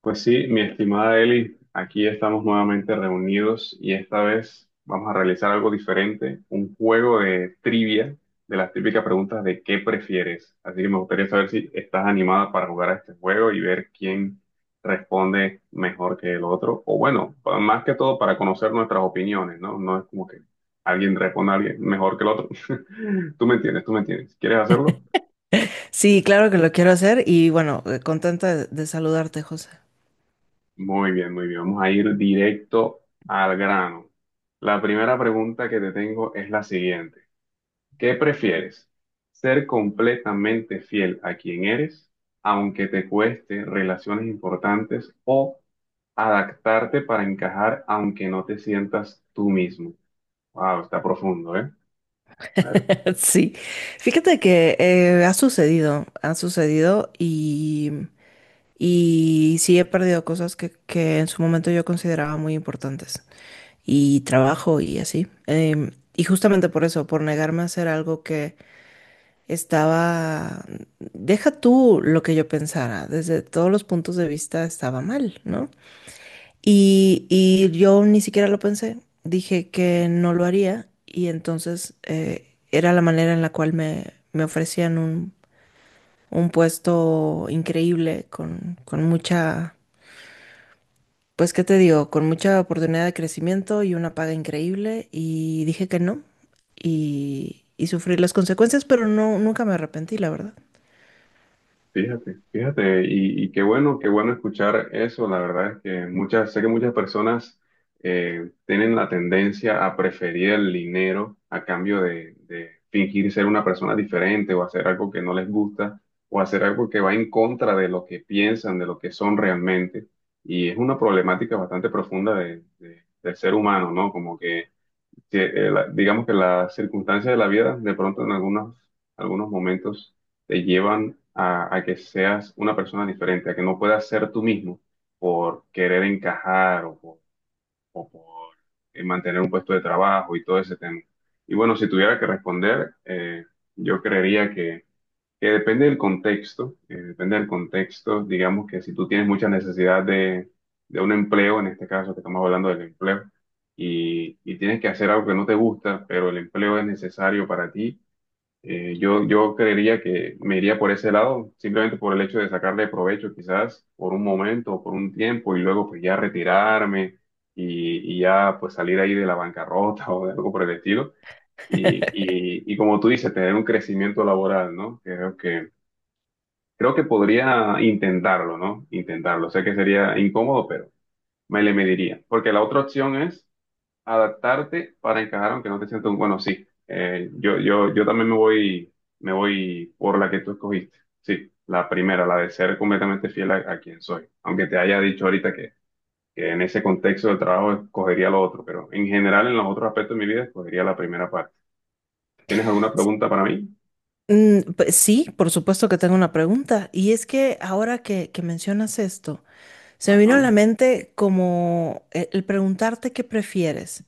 Pues sí, mi estimada Eli, aquí estamos nuevamente reunidos y esta vez vamos a realizar algo diferente, un juego de trivia de las típicas preguntas de qué prefieres. Así que me gustaría saber si estás animada para jugar a este juego y ver quién responde mejor que el otro. O bueno, más que todo para conocer nuestras opiniones, ¿no? No es como que alguien responda a alguien mejor que el otro. Tú me entiendes, tú me entiendes. ¿Quieres hacerlo? Sí, claro que lo quiero hacer y bueno, contenta de saludarte, José. Muy bien, muy bien. Vamos a ir directo al grano. La primera pregunta que te tengo es la siguiente. ¿Qué prefieres? ¿Ser completamente fiel a quien eres, aunque te cueste relaciones importantes, o adaptarte para encajar, aunque no te sientas tú mismo? Wow, está profundo, ¿eh? Sí, fíjate que ha sucedido y sí he perdido cosas que en su momento yo consideraba muy importantes y trabajo y así. Y justamente por eso, por negarme a hacer algo que estaba, deja tú lo que yo pensara, desde todos los puntos de vista estaba mal, ¿no? Y yo ni siquiera lo pensé, dije que no lo haría y entonces era la manera en la cual me ofrecían un puesto increíble con mucha, pues qué te digo, con mucha oportunidad de crecimiento y una paga increíble y dije que no y, y sufrí las consecuencias, pero no, nunca me arrepentí, la verdad. Fíjate, fíjate, y qué bueno escuchar eso. La verdad es que muchas, sé que muchas personas tienen la tendencia a preferir el dinero a cambio de fingir ser una persona diferente o hacer algo que no les gusta o hacer algo que va en contra de lo que piensan, de lo que son realmente. Y es una problemática bastante profunda del ser humano, ¿no? Como que digamos que las circunstancias de la vida de pronto en algunos momentos te llevan a que seas una persona diferente, a que no puedas ser tú mismo por querer encajar o por mantener un puesto de trabajo y todo ese tema. Y bueno, si tuviera que responder, yo creería que depende del contexto, digamos que si tú tienes mucha necesidad de un empleo, en este caso que estamos hablando del empleo, y tienes que hacer algo que no te gusta, pero el empleo es necesario para ti, yo creería que me iría por ese lado, simplemente por el hecho de sacarle provecho quizás por un momento o por un tiempo y luego pues ya retirarme y ya pues salir ahí de la bancarrota o de algo por el estilo. Y como tú dices, tener un crecimiento laboral, ¿no? Creo que podría intentarlo, ¿no? Intentarlo. Sé que sería incómodo, pero me le mediría. Porque la otra opción es adaptarte para encajar, aunque no te sientas un bueno, sí. Yo también me voy por la que tú escogiste. Sí, la primera, la de ser completamente fiel a quien soy. Aunque te haya dicho ahorita que en ese contexto del trabajo escogería lo otro, pero en general en los otros aspectos de mi vida escogería la primera parte. ¿Tienes alguna S- pregunta para mí? Pues sí, por supuesto que tengo una pregunta y es que ahora que mencionas esto, se me vino Ajá. a la mente como el preguntarte qué prefieres.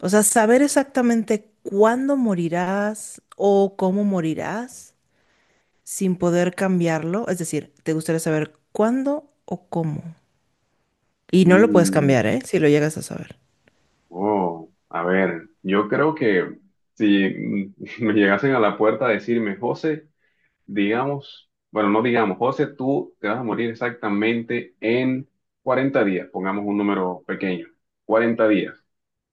O sea, saber exactamente cuándo morirás o cómo morirás sin poder cambiarlo. Es decir, te gustaría saber cuándo o cómo. Y no lo puedes Mm, cambiar, ¿eh? Si lo llegas a saber. Oh, a ver, yo creo que si me llegasen a la puerta a decirme, José, digamos, bueno, no digamos, José, tú te vas a morir exactamente en 40 días, pongamos un número pequeño, 40 días.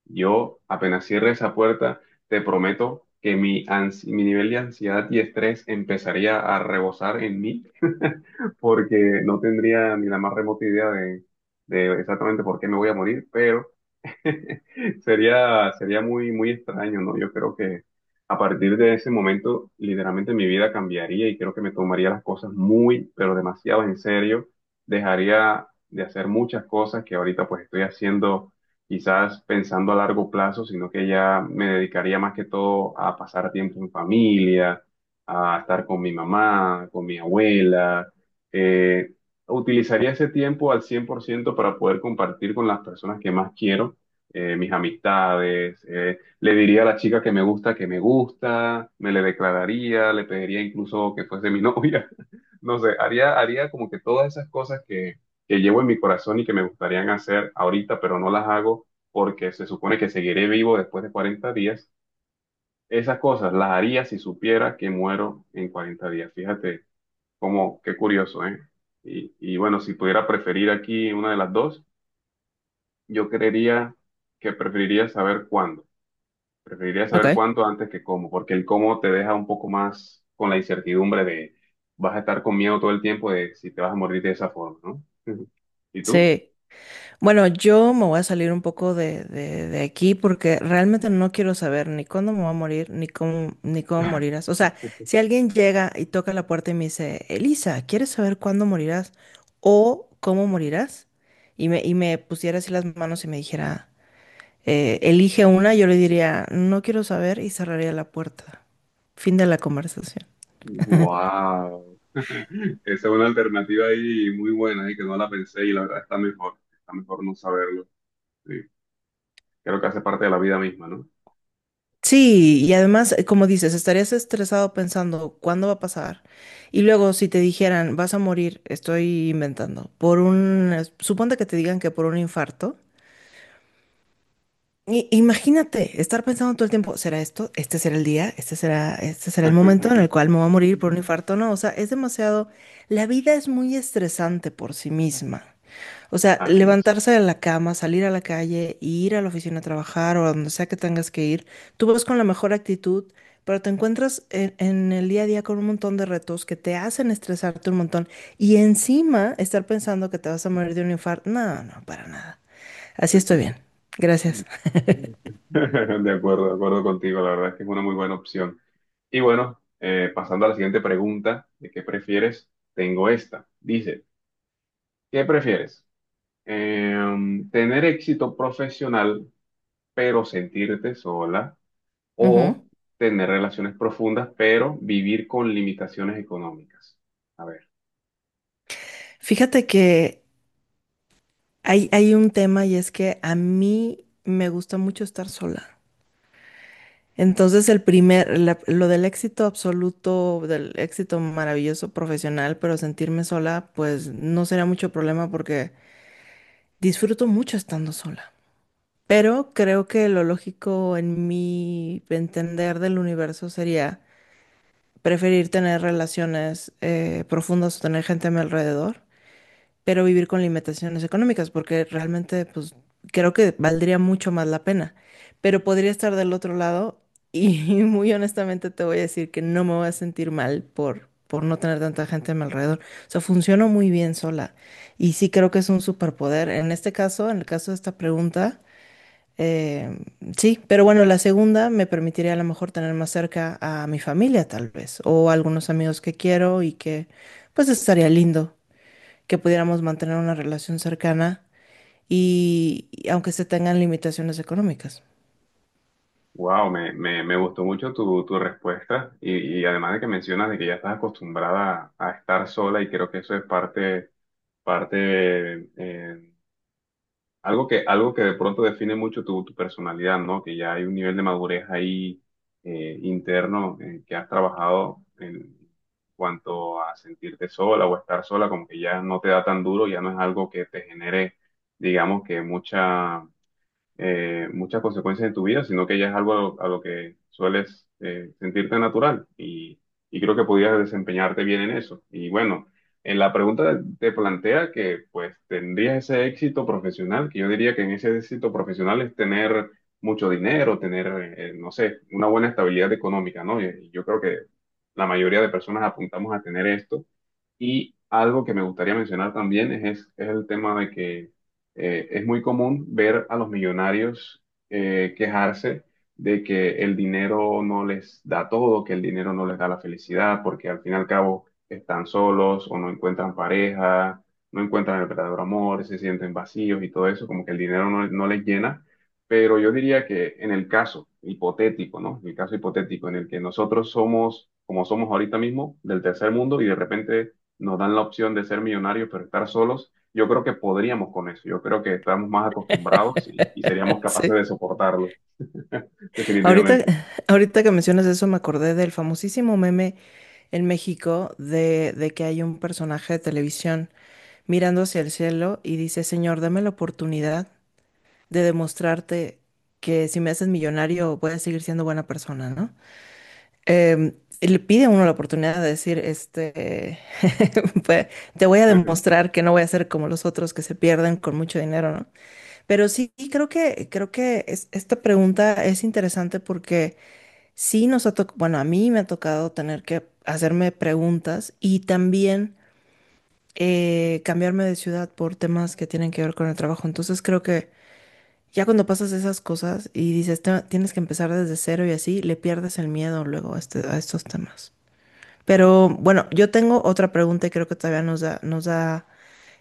Yo apenas cierre esa puerta, te prometo que mi nivel de ansiedad y estrés empezaría a rebosar en mí, porque no tendría ni la más remota idea de exactamente por qué me voy a morir, pero... Sería muy, muy extraño, ¿no? Yo creo que a partir de ese momento, literalmente mi vida cambiaría y creo que me tomaría las cosas muy, pero demasiado en serio. Dejaría de hacer muchas cosas que ahorita pues estoy haciendo, quizás pensando a largo plazo, sino que ya me dedicaría más que todo a pasar tiempo en familia, a estar con mi mamá, con mi abuela. eh, Utilizaría ese tiempo al 100% para poder compartir con las personas que más quiero mis amistades, le diría a la chica que me gusta, me le declararía, le pediría incluso que fuese mi novia, no sé, haría como que todas esas cosas que llevo en mi corazón y que me gustarían hacer ahorita, pero no las hago porque se supone que seguiré vivo después de 40 días. Esas cosas las haría si supiera que muero en 40 días. Fíjate cómo, qué curioso, ¿eh? Y bueno, si pudiera preferir aquí una de las dos, yo creería que preferiría saber Ok. cuánto antes que cómo, porque el cómo te deja un poco más con la incertidumbre de vas a estar con miedo todo el tiempo de si te vas a morir de esa forma, ¿no? ¿Y tú? Sí. Bueno, yo me voy a salir un poco de, de aquí porque realmente no quiero saber ni cuándo me voy a morir, ni cómo, ni cómo morirás. O sea, si alguien llega y toca la puerta y me dice, Elisa, ¿quieres saber cuándo morirás o cómo morirás? Y me pusiera así las manos y me dijera, elige una", yo le diría, no quiero saber y cerraría la puerta. Fin de la conversación. ¡Wow! Esa es una alternativa ahí muy buena y que no la pensé y la verdad está mejor. Está mejor no saberlo. Sí. Creo que hace parte de la vida misma, ¿no? Sí, y además, como dices, estarías estresado pensando cuándo va a pasar. Y luego, si te dijeran, vas a morir, estoy inventando, por un, suponte que te digan que por un infarto. Imagínate estar pensando todo el tiempo, ¿será esto? ¿Este será el día? ¿Este será el momento en el cual me voy a morir por un infarto? No, o sea, es demasiado, la vida es muy estresante por sí misma. O sea, Así es. levantarse de la cama, salir a la calle, ir a la oficina a trabajar o a donde sea que tengas que ir, tú vas con la mejor actitud, pero te encuentras en el día a día con un montón de retos que te hacen estresarte un montón y encima estar pensando que te vas a morir de un infarto. No, no, para nada. Así estoy bien. Gracias. De acuerdo contigo. La verdad es que es una muy buena opción. Y bueno, pasando a la siguiente pregunta, ¿de qué prefieres? Tengo esta. Dice, ¿qué prefieres? ¿Tener éxito profesional pero sentirte sola? ¿O Ujú. tener relaciones profundas pero vivir con limitaciones económicas? A ver, Fíjate que hay un tema y es que a mí me gusta mucho estar sola. Entonces, el primer, lo del éxito absoluto, del éxito maravilloso profesional, pero sentirme sola, pues no será mucho problema porque disfruto mucho estando sola. Pero creo que lo lógico en mi entender del universo sería preferir tener relaciones profundas o tener gente a mi alrededor pero vivir con limitaciones económicas, porque realmente, pues, creo que valdría mucho más la pena. Pero podría estar del otro lado y muy honestamente te voy a decir que no me voy a sentir mal por no tener tanta gente a mi alrededor. O sea, funciono muy bien sola y sí creo que es un superpoder. En este caso, en el caso de esta pregunta, eh, sí, pero bueno, la segunda me permitiría a lo mejor tener más cerca a mi familia, tal vez, o a algunos amigos que quiero y que, pues, estaría lindo que pudiéramos mantener una relación cercana y aunque se tengan limitaciones económicas. wow, me gustó mucho tu respuesta y además de que mencionas de que ya estás acostumbrada a estar sola y creo que eso es parte. Algo que de pronto define mucho tu personalidad, ¿no? Que ya hay un nivel de madurez ahí interno que has trabajado en cuanto a sentirte sola o estar sola, como que ya no te da tan duro, ya no es algo que te genere, digamos que muchas consecuencias en tu vida, sino que ya es algo a lo que sueles sentirte natural y creo que podías desempeñarte bien en eso. Y bueno, en la pregunta te plantea que pues tendrías ese éxito profesional, que yo diría que en ese éxito profesional es tener mucho dinero, no sé, una buena estabilidad económica, ¿no? Y yo creo que la mayoría de personas apuntamos a tener esto. Y algo que me gustaría mencionar también es el tema de que es muy común ver a los millonarios quejarse de que el dinero no les da todo, que el dinero no les da la felicidad, porque al fin y al cabo están solos o no encuentran pareja, no encuentran el verdadero amor, se sienten vacíos y todo eso, como que el dinero no les llena. Pero yo diría que en el caso hipotético, ¿no? En el caso hipotético en el que nosotros somos, como somos ahorita mismo, del tercer mundo y de repente nos dan la opción de ser millonarios, pero estar solos, yo creo que podríamos con eso. Yo creo que estamos más acostumbrados y seríamos capaces Sí. de soportarlo, Ahorita, definitivamente. ahorita que mencionas eso, me acordé del famosísimo meme en México de que hay un personaje de televisión mirando hacia el cielo y dice, Señor, dame la oportunidad de demostrarte que si me haces millonario voy a seguir siendo buena persona, ¿no? em, le pide a uno la oportunidad de decir, este, pues, te voy a demostrar que no voy a ser como los otros que se pierden con mucho dinero, ¿no? Pero sí, creo que esta pregunta es interesante porque sí nos ha tocado, bueno, a mí me ha tocado tener que hacerme preguntas y también cambiarme de ciudad por temas que tienen que ver con el trabajo. Entonces creo que ya cuando pasas esas cosas y dices, Tienes que empezar desde cero y así", le pierdes el miedo luego a a estos temas. Pero bueno, yo tengo otra pregunta y creo que todavía nos da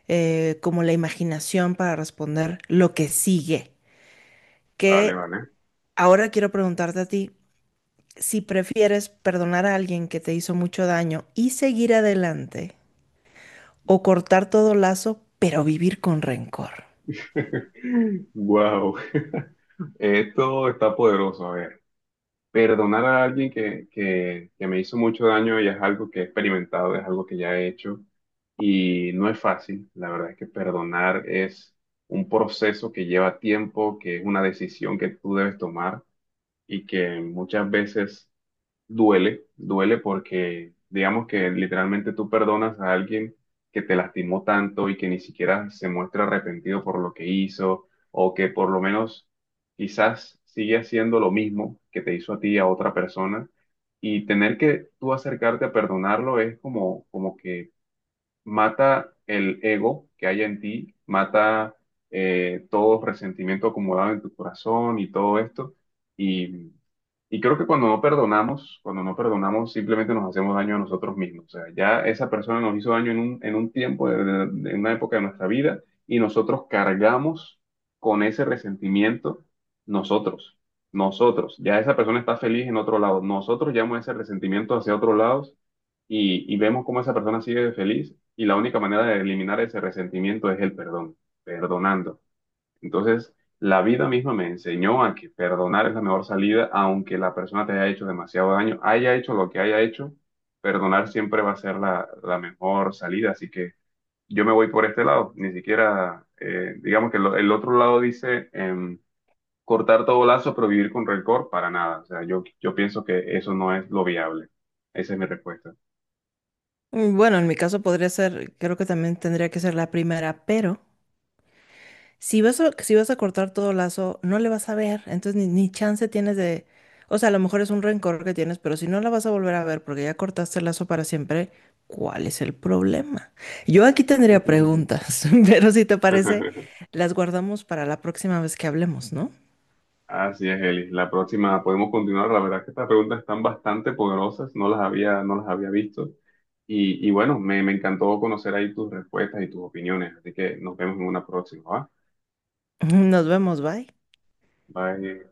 como la imaginación para responder lo que sigue. Vale, Que vale. ahora quiero preguntarte a ti si prefieres perdonar a alguien que te hizo mucho daño y seguir adelante o cortar todo lazo, pero vivir con rencor. Wow. Esto está poderoso. A ver, perdonar a alguien que me hizo mucho daño ya es algo que he experimentado, es algo que ya he hecho y no es fácil. La verdad es que perdonar es un proceso que lleva tiempo, que es una decisión que tú debes tomar y que muchas veces duele, duele porque digamos que literalmente tú perdonas a alguien que te lastimó tanto y que ni siquiera se muestra arrepentido por lo que hizo o que por lo menos quizás sigue haciendo lo mismo que te hizo a ti a otra persona y tener que tú acercarte a perdonarlo es como que mata el ego que hay en ti, mata todo resentimiento acumulado en tu corazón y todo esto. Y, y creo que cuando no perdonamos, simplemente nos hacemos daño a nosotros mismos. O sea, ya esa persona nos hizo daño en un tiempo, en una época de nuestra vida, y nosotros cargamos con ese resentimiento nosotros. Nosotros, ya esa persona está feliz en otro lado. Nosotros llevamos ese resentimiento hacia otros lados y vemos cómo esa persona sigue feliz y la única manera de eliminar ese resentimiento es el perdón, perdonando. Entonces, la vida misma me enseñó a que perdonar es la mejor salida, aunque la persona te haya hecho demasiado daño, haya hecho lo que haya hecho, perdonar siempre va a ser la mejor salida. Así que yo me voy por este lado, ni siquiera, digamos que el otro lado dice cortar todo lazo, pero vivir con rencor, para nada. O sea, yo pienso que eso no es lo viable. Esa es mi respuesta. Mm, bueno, en mi caso podría ser, creo que también tendría que ser la primera, pero si vas a, si vas a cortar todo lazo, no le vas a ver, entonces ni, ni chance tienes de... O sea, a lo mejor es un rencor que tienes, pero si no la vas a volver a ver porque ya cortaste el lazo para siempre, ¿cuál es el problema? Yo aquí tendría preguntas, pero si te parece, las guardamos para la próxima vez que hablemos, ¿no? Así es, Eli. La próxima podemos continuar. La verdad es que estas preguntas están bastante poderosas. No las había visto. Y bueno, me encantó conocer ahí tus respuestas y tus opiniones. Así que nos vemos en una próxima, ¿va? Nos vemos, bye. Bye.